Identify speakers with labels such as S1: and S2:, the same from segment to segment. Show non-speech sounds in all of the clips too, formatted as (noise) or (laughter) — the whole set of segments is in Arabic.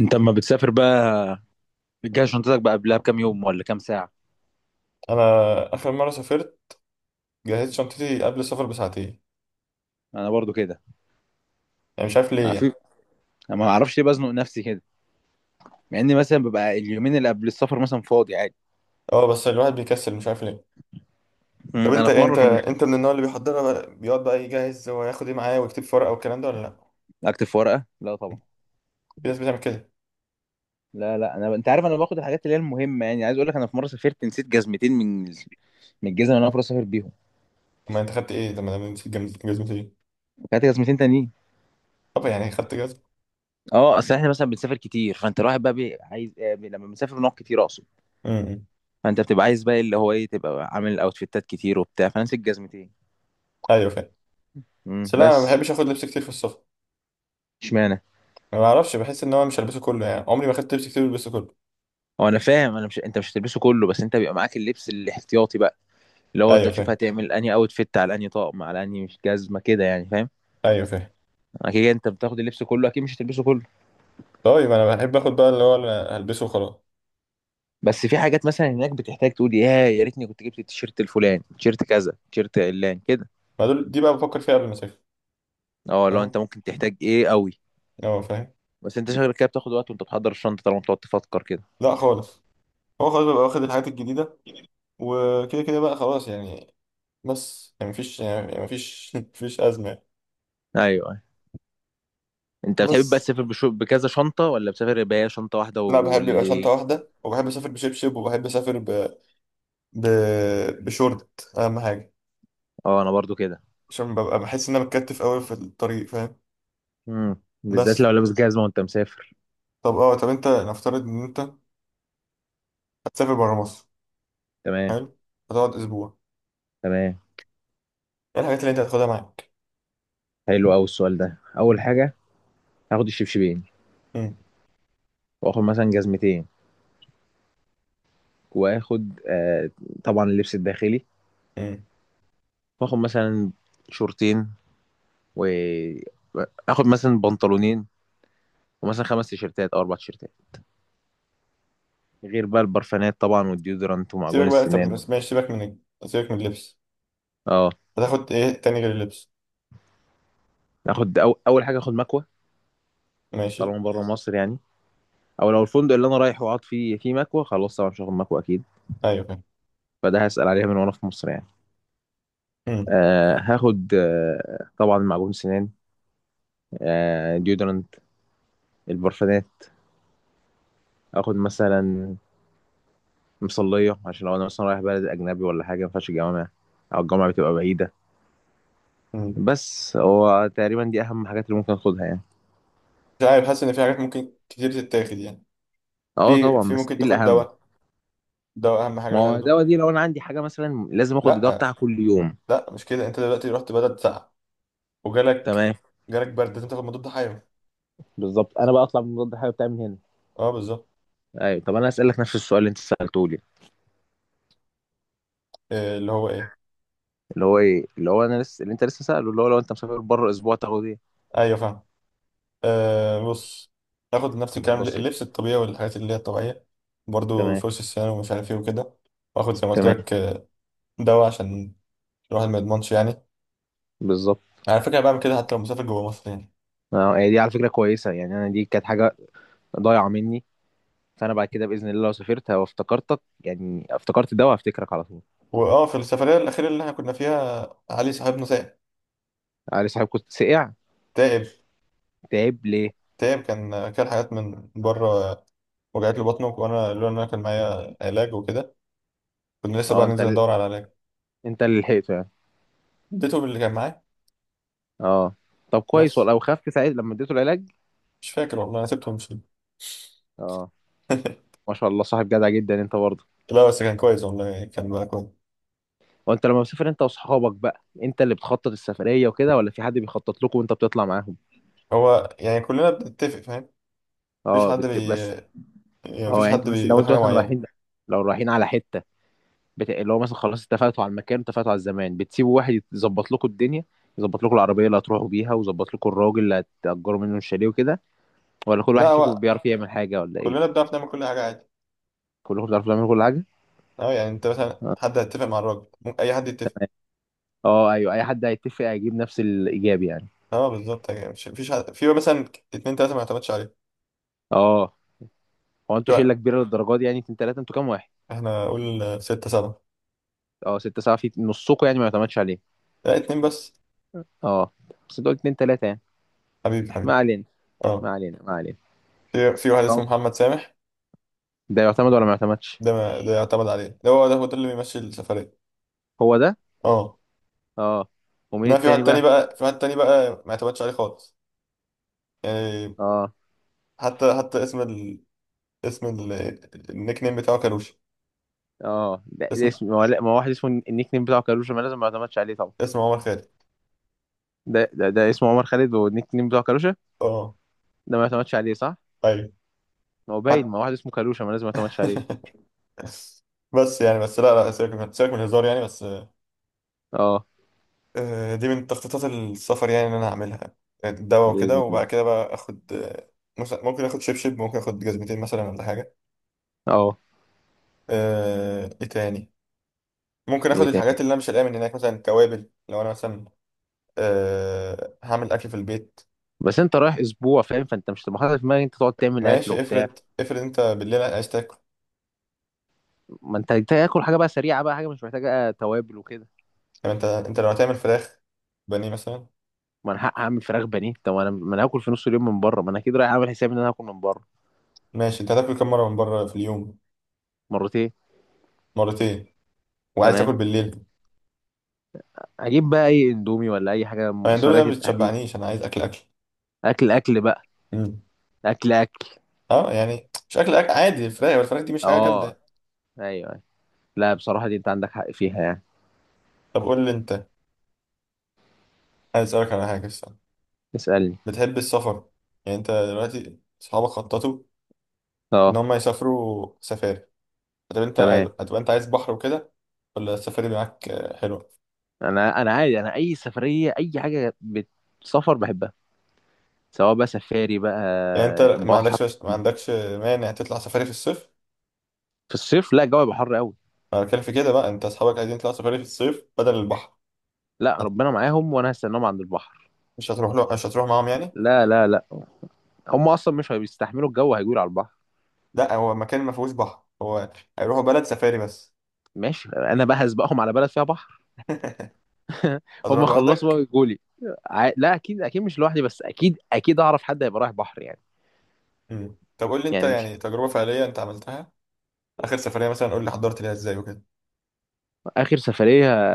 S1: انت اما بتسافر بقى، بتجهز شنطتك بقى قبلها بكام يوم ولا كام ساعه؟
S2: انا اخر مره سافرت، جهزت شنطتي قبل السفر بساعتين.
S1: انا برضو كده.
S2: يعني مش عارف ليه
S1: انا في
S2: يعني.
S1: انا ما اعرفش ليه بزنق نفسي كده، مع اني مثلا ببقى اليومين اللي قبل السفر مثلا فاضي عادي.
S2: اه، بس الواحد بيكسل مش عارف ليه. طب انت
S1: انا في مره
S2: انت
S1: كنت.
S2: انت من النوع اللي بيحضرها بقى، بيقعد بقى يجهز هو هياخد ايه معاه ويكتب في ورقه والكلام ده، ولا لا؟
S1: اكتب في ورقه؟ لا طبعا.
S2: في ناس بتعمل كده.
S1: لا لا، انا، انت عارف، انا باخد الحاجات اللي هي المهمه، يعني عايز اقول لك انا في مره سافرت نسيت جزمتين من الجزم اللي انا المفروض اسافر بيهم.
S2: اما انت خدت ايه لما نسيت جزمتي ايه؟
S1: كانت جزمتين تانيين.
S2: طب يعني خدت جزمه.
S1: اه، اصل احنا مثلا بنسافر كتير، فانت الواحد بقى عايز لما بنسافر بنقعد كتير اقصد.
S2: امم.
S1: فانت بتبقى عايز بقى اللي هو ايه، تبقى عامل اوتفيتات كتير وبتاع، فنسيت جزمتين.
S2: ايوه فاهم. بس لا، انا ما
S1: بس.
S2: بحبش اخد لبس كتير في السفر.
S1: اشمعنى؟
S2: ما بعرفش، بحس ان هو مش هلبسه كله، يعني عمري ما خدت لبس كتير بلبسه كله.
S1: هو انا فاهم، انا مش انت مش هتلبسه كله، بس انت بيبقى معاك اللبس الاحتياطي بقى، اللي هو انت
S2: ايوه
S1: تشوف
S2: فاهم.
S1: هتعمل انهي اوت فيت على انهي طقم على انهي مش جزمه كده، يعني فاهم.
S2: ايوه فاهم.
S1: اكيد انت بتاخد اللبس كله، اكيد مش هتلبسه كله.
S2: طيب انا بحب اخد بقى اللي هو اللي هلبسه وخلاص.
S1: بس في حاجات مثلا هناك بتحتاج تقول يا ريتني كنت جبت التيشيرت الفلاني، تيشيرت كذا، تيشيرت علان كده.
S2: ما دول دي بقى بفكر فيها قبل ما اسافر.
S1: اه، لو انت
S2: فاهم.
S1: ممكن تحتاج ايه قوي.
S2: اه فاهم.
S1: بس انت شغلك كده بتاخد وقت وانت بتحضر الشنطه طالما بتقعد تفكر كده.
S2: لا خالص. هو خلاص بيبقى واخد الحاجات الجديدة. وكده كده بقى خلاص يعني. بس يعني مفيش يعني مفيش (laughs) مفيش أزمة يعني.
S1: ايوه، أيوة. انت بتحب بقى
S2: بس
S1: تسافر بكذا شنطه، ولا بتسافر بهي شنطه واحده
S2: لا، بحب يبقى شنطة
S1: واللي.
S2: واحدة، وبحب أسافر بشبشب، وبحب أسافر ب... بشورت. أهم حاجة
S1: اه انا برضو كده.
S2: عشان ببقى بحس إن أنا متكتف أوي في الطريق، فاهم.
S1: امم، بالذات
S2: بس،
S1: لو لابس جزمه وانت مسافر.
S2: طب أنت نفترض إن أنت هتسافر برا مصر.
S1: تمام.
S2: حلو. هتقعد أسبوع.
S1: تمام.
S2: إيه الحاجات اللي أنت هتاخدها معاك؟
S1: حلو قوي السؤال ده. اول
S2: مم.
S1: حاجه هاخد الشبشبين.
S2: مم.
S1: واخد مثلا جزمتين. واخد آه، طبعا اللبس الداخلي.
S2: مم.
S1: واخد مثلا شورتين. واخد مثلا بنطلونين. ومثلا 5 تيشيرتات او 4 تيشيرتات. غير بقى البرفانات طبعا، والديودرانت، ومعجون
S2: سيبك بقى، طب
S1: السنان.
S2: بس ماشي، سيبك من اللبس.
S1: اه،
S2: هتاخد إيه تاني غير اللبس؟
S1: اول حاجه اخد مكوه.
S2: ماشي.
S1: طالما بره مصر يعني. او لو الفندق اللي انا رايح وقعد فيه فيه مكوه، خلاص طبعا مش هاخد مكوه اكيد.
S2: أيوه فاهم.
S1: فده هسال عليها من وانا في مصر يعني. آه، هاخد آه، طبعا معجون سنان. آه، ديودرانت. البرفانات. اخد مثلا مصلية، عشان لو انا مثلا رايح بلد اجنبي ولا حاجة ما ينفعش الجامعة، او الجامعة بتبقى بعيدة.
S2: مم.
S1: بس هو تقريبا دي اهم حاجات اللي ممكن اخدها يعني.
S2: مش عارف، حاسس ان في حاجات ممكن كتير تتاخد يعني.
S1: اه
S2: في
S1: طبعا،
S2: في
S1: بس
S2: ممكن
S1: دي
S2: تاخد
S1: الاهم.
S2: دواء. دواء اهم
S1: ما
S2: حاجه
S1: هو
S2: تاخده.
S1: الدواء دي لو انا عندي حاجة مثلا لازم اخد الدواء
S2: لا
S1: بتاعها كل يوم.
S2: لا، مش كده. انت دلوقتي رحت بلد ساقعه، وجالك
S1: تمام.
S2: جالك برد، لازم تاخد مضاد حيوي.
S1: بالظبط، انا بقى اطلع من مضاد الحيوي بتاعي من هنا.
S2: اه بالظبط.
S1: ايوه. طب انا اسالك نفس السؤال اللي انت سالته لي.
S2: آه، اللي هو ايه.
S1: اللي هو ايه، اللي هو انا لسه، اللي انت لسه ساله، اللي هو لو انت مسافر بره اسبوع تاخد ايه.
S2: ايوه فاهم. آه بص. تاخد نفس الكلام،
S1: بسيط.
S2: اللبس الطبيعي والحاجات اللي هي الطبيعيه. برضو
S1: تمام.
S2: فرش السنان ومش عارف ايه وكده. واخد زي ما قلت
S1: تمام.
S2: لك دواء عشان الواحد ما يضمنش يعني.
S1: بالظبط.
S2: على فكره بعمل كده حتى لو مسافر جوه مصر يعني.
S1: اه هي دي على فكره كويسه يعني، انا دي كانت حاجه ضايعه مني، فانا بعد كده باذن الله لو سافرت وافتكرتك يعني افتكرت ده وهفتكرك على طول.
S2: واه في السفريه الاخيره اللي احنا كنا فيها علي صاحبنا تعب.
S1: علي صاحب كنت سقع؟
S2: تعب.
S1: تعب ليه؟
S2: تعب. كان حاجات من بره. وجعت له بطنه، وانا لولا ان انا كان معايا علاج وكده، كنا لسه بقى
S1: اه انت
S2: ننزل ندور على علاج.
S1: انت اللي لحقته يعني.
S2: اديته اللي كان معاه.
S1: اه. طب كويس
S2: بس
S1: والله، وخفت ساعتها لما اديته العلاج.
S2: مش فاكر والله، انا سبته ومشيت.
S1: اه.
S2: (laughs)
S1: ما شاء الله، صاحب جدع جدا انت برضه.
S2: لا بس كان كويس والله، كان بقى كويس.
S1: وانت لما بتسافر انت واصحابك بقى، انت اللي بتخطط السفريه وكده، ولا في حد بيخطط لكم وانت بتطلع معاهم؟
S2: هو يعني كلنا بنتفق فاهم. مفيش
S1: اه
S2: حد بي
S1: بس.
S2: يعني
S1: اه
S2: مفيش
S1: يعني انت
S2: حد
S1: بس لو
S2: بيقول
S1: انتوا
S2: حاجة
S1: مثلا
S2: معينة.
S1: رايحين، لو رايحين على حته، اللي هو مثلا خلاص اتفقتوا على المكان، اتفقتوا على الزمان، بتسيبوا واحد يظبط لكم الدنيا، يظبط لكم العربيه اللي هتروحوا بيها، ويظبط لكم الراجل اللي هتأجروا منه الشاليه وكده، ولا كل
S2: لا
S1: واحد فيكم
S2: هو
S1: بيعرف يعمل حاجه ولا ايه؟
S2: كلنا بنعرف نعمل كل حاجة عادي.
S1: كلكم بتعرفوا تعملوا كل حاجه.
S2: اه، يعني انت مثلا
S1: اه.
S2: حد هيتفق مع الراجل، ممكن اي حد يتفق.
S1: تمام. آه، ايوه اي حد هيتفق هيجيب نفس الايجاب يعني.
S2: اه بالظبط، يعني مش مفيش حد في مثلا 2 3 ما يعتمدش عليه.
S1: اه. هو
S2: في
S1: انتوا شله
S2: واحد.
S1: كبيره للدرجه دي يعني؟ اتنين تلاته انتوا كام واحد؟
S2: احنا قول 6 7.
S1: اه 6 7 في نصكم يعني ما يعتمدش عليه.
S2: لا 2 بس.
S1: اه بس انتوا قلت اتنين تلاته يعني.
S2: حبيبي حبيبي.
S1: ما علينا، ما
S2: اه
S1: علينا، ما علينا.
S2: في واحد اسمه
S1: آه.
S2: محمد سامح.
S1: ده يعتمد ولا ما يعتمدش؟
S2: ده ما ده يعتمد عليه، ده هو ده هو ده اللي بيمشي السفرية.
S1: هو ده.
S2: اه.
S1: اه. ومين
S2: انما في
S1: التاني
S2: واحد تاني
S1: بقى؟
S2: بقى في واحد تاني بقى ما اعتمدش عليه خالص يعني.
S1: اه.
S2: حتى اسم ال... النيك نيم بتاعه كاروش.
S1: اه، ده ده
S2: اسم
S1: اسم، ما هو لا، ما هو واحد اسمه النيك نيم بتاعه كاروشا، ما لازم ما يعتمدش عليه طبعا.
S2: اسمه عمر خالد.
S1: ده اسمه عمر خالد، والنيك نيم بتاعه كاروشا،
S2: اه.
S1: ده ما يعتمدش عليه صح؟
S2: ايوه.
S1: ما هو
S2: حت...
S1: باين، ما هو واحد اسمه كاروشا ما لازم ما يعتمدش عليه.
S2: (laughs) بس لا لا، سيبك من الهزار يعني بس.
S1: اه.
S2: دي من تخطيطات السفر يعني ان انا هعملها. الدواء وكده،
S1: بإذن الله.
S2: وبعد كده بقى اخد مثلا ممكن اخد شبشب، ممكن اخد جزمتين مثلا ولا حاجه.
S1: اه،
S2: ايه تاني؟ ممكن
S1: ايه
S2: اخد
S1: تاني.
S2: الحاجات اللي انا مش هلاقيها من هناك، مثلا توابل لو انا مثلا هعمل اكل في البيت.
S1: بس انت رايح اسبوع فاهم، فانت مش هتبقى حاطط في دماغك انت تقعد تعمل اكل
S2: ماشي،
S1: وبتاع.
S2: افرض افرض انت بالليل عايز تاكل.
S1: ما انت تاكل حاجه بقى سريعه بقى، حاجه مش محتاجه توابل وكده.
S2: يعني انت لو هتعمل فراخ بانيه مثلا.
S1: ما انا هعمل فراخ بانيه، طب ما انا هاكل في نص اليوم من بره، ما انا اكيد رايح اعمل حسابي ان انا هاكل من بره.
S2: ماشي، انت هتاكل كم مره من بره في اليوم؟
S1: مرتين.
S2: مرتين. وعايز تاكل
S1: تمام.
S2: بالليل؟
S1: هجيب بقى اي اندومي ولا اي حاجه
S2: فالاندومي
S1: سريعه
S2: ده ما
S1: التحضير.
S2: بتشبعنيش، انا عايز اكل اكل.
S1: اكل اكل بقى.
S2: مم.
S1: اكل اكل.
S2: اه يعني شكل عادي، الفراخ دي مش حاجه جامده
S1: اه.
S2: يعني.
S1: ايوه، أيوة. لا بصراحه دي انت عندك حق فيها يعني.
S2: طب قول لي انت، عايز اسالك على حاجه الصراحه.
S1: اسالني.
S2: بتحب السفر؟ يعني انت دلوقتي اصحابك خططوا ان
S1: اه.
S2: هم يسافروا سفاري، طب انت
S1: تمام.
S2: هتبقى انت عايز بحر وكده، ولا السفاري معاك حلوه؟
S1: انا عادي، انا اي سفريه اي حاجه بتسافر بحبها، سواء بقى سفاري بقى.
S2: يعني انت ما
S1: بحر.
S2: عندكش ما عندكش مانع تطلع سفاري في الصيف.
S1: في الصيف لا الجو يبقى حر قوي.
S2: انا بتكلم في كده بقى، انت اصحابك عايزين يطلعوا سفاري في الصيف بدل البحر.
S1: لا
S2: هت-
S1: ربنا معاهم، وانا هستناهم عند البحر.
S2: مش هتروح معاهم يعني.
S1: لا لا لا، هم اصلا مش هيستحملوا الجو، هيجوا على البحر.
S2: لا هو مكان ما فيهوش بحر، هو هيروحوا بلد سفاري بس.
S1: ماشي، انا بقى هسبقهم على بلد فيها بحر.
S2: (laughs)
S1: (laughs)
S2: هتروح
S1: هم خلصوا بقى
S2: لوحدك؟
S1: ويجوا لي. لا اكيد اكيد مش لوحدي، بس اكيد اكيد اعرف حد هيبقى رايح بحر يعني.
S2: مم. طب قول لي انت
S1: يعني مش.
S2: يعني تجربة فعلية انت عملتها، اخر سفرية مثلا قول لي حضرت ليها ازاي وكده.
S1: اخر سفريه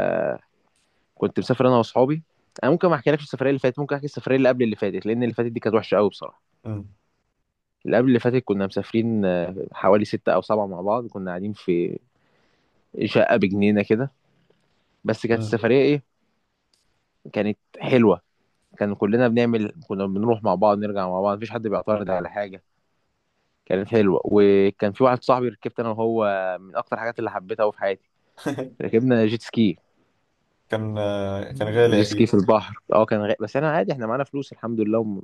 S1: كنت مسافر انا واصحابي. انا ممكن ما احكيلكش السفريه اللي فاتت، ممكن احكي السفريه اللي قبل اللي فاتت، لان اللي فاتت دي كانت وحشه قوي بصراحه.
S2: مم.
S1: اللي قبل اللي فاتت كنا مسافرين آه، حوالي 6 أو 7 مع بعض، كنا قاعدين في شقة بجنينة كده. بس كانت
S2: مم.
S1: السفرية إيه، كانت حلوة. كان كلنا بنعمل، كنا بنروح مع بعض نرجع مع بعض، مفيش حد بيعترض على حاجة. كانت حلوة. وكان في واحد صاحبي ركبت أنا وهو، من أكتر الحاجات اللي حبيتها أوي في حياتي.
S2: (laughs)
S1: ركبنا جيت سكي.
S2: كان غالي
S1: جيت سكي في
S2: اكيد.
S1: البحر. اه كان بس انا عادي، احنا معانا فلوس الحمد لله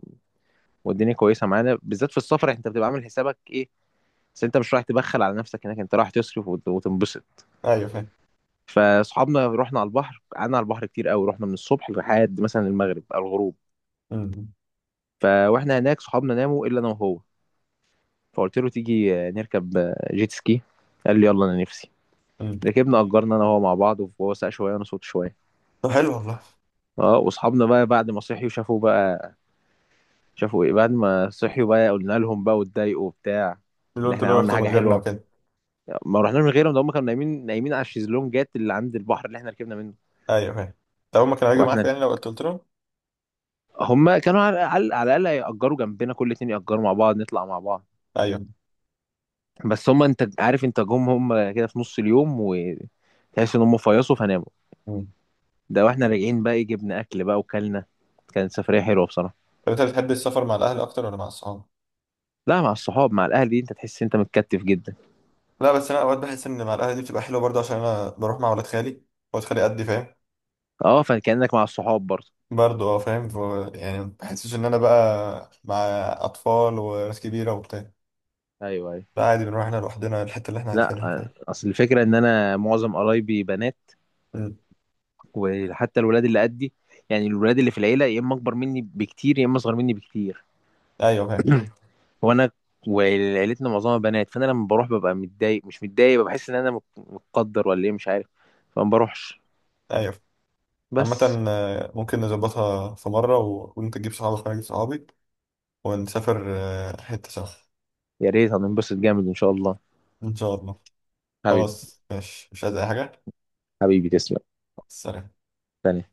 S1: والدنيا كويسه معانا، بالذات في السفر انت بتبقى عامل حسابك ايه، بس انت مش رايح تبخل على نفسك هناك، انت رايح تصرف وتنبسط.
S2: ايوه فاهم.
S1: فاصحابنا رحنا على البحر، قعدنا على البحر كتير قوي، رحنا من الصبح لحد مثلا المغرب او الغروب.
S2: مم.
S1: فواحنا هناك صحابنا ناموا الا انا وهو، فقلت له تيجي نركب جيت سكي. قال لي يلا انا نفسي.
S2: مم.
S1: ركبنا، اجرنا انا وهو مع بعض، وهو ساق شويه وانا صوت شويه.
S2: طب حلو والله.
S1: اه. واصحابنا بقى بعد ما صحيوا شافوا بقى، شافوا ايه بعد ما صحيوا بقى قلنا لهم بقى واتضايقوا وبتاع.
S2: اللي
S1: ان
S2: انتوا
S1: احنا
S2: لو
S1: عملنا
S2: رحتوا من
S1: حاجه
S2: غيرنا
S1: حلوه.
S2: وكده.
S1: ما رحناش من غيرهم ده، هم كانوا نايمين نايمين على الشيزلونجات اللي عند البحر اللي احنا ركبنا منه.
S2: ايوه فاهم. طب هما كانوا هيجوا معاك
S1: واحنا.
S2: يعني لو قلت لهم؟
S1: هم كانوا على الاقل يأجروا جنبنا، كل اتنين يأجروا مع بعض نطلع مع بعض.
S2: ايوه.
S1: بس هم انت عارف انت جم، هم كده في نص اليوم وتحس ان هم فيصوا فناموا.
S2: مم.
S1: ده واحنا راجعين بقى إيه، جبنا اكل بقى وكلنا. كانت سفريه حلوه بصراحه.
S2: طب انت بتحب السفر مع الاهل اكتر ولا مع الصحاب؟
S1: لا مع الصحاب، مع الاهل دي انت تحس انت متكتف جدا.
S2: لا بس انا اوقات بحس ان مع الاهل دي بتبقى حلوه برضه، عشان انا بروح مع ولاد خالي، ولاد خالي قدي فاهم.
S1: اه فكانك مع الصحاب برضه.
S2: برضه اه فاهم، يعني ما بحسش ان انا بقى مع اطفال وناس كبيره وبتاع.
S1: ايوه ايوه.
S2: لا عادي، بنروح احنا لوحدنا الحتة اللي احنا
S1: لا
S2: عايزينها فاهم.
S1: اصل الفكره ان انا معظم قرايبي بنات،
S2: مم.
S1: وحتى الولاد اللي قدي، يعني الولاد اللي في العيله يا اما اكبر مني بكتير يا اما اصغر مني بكتير.
S2: ايوه فاهم.
S1: وانا وعيلتنا معظمها بنات، فانا لما بروح ببقى متضايق، مش متضايق، بحس ان انا متقدر ولا ايه مش عارف، فما بروحش.
S2: ايوه فاهم. عامة
S1: بس.
S2: ممكن نظبطها في مرة، و... وانت تجيب صحابك وانا اجيب صحابي، ونسافر حتة سوا.
S1: يا ريت، هننبسط جامد ان شاء الله.
S2: ان شاء الله.
S1: حبيبي
S2: خلاص ماشي، مش عايز اي حاجة.
S1: حبيبي تسلم.
S2: سلام.
S1: تاني.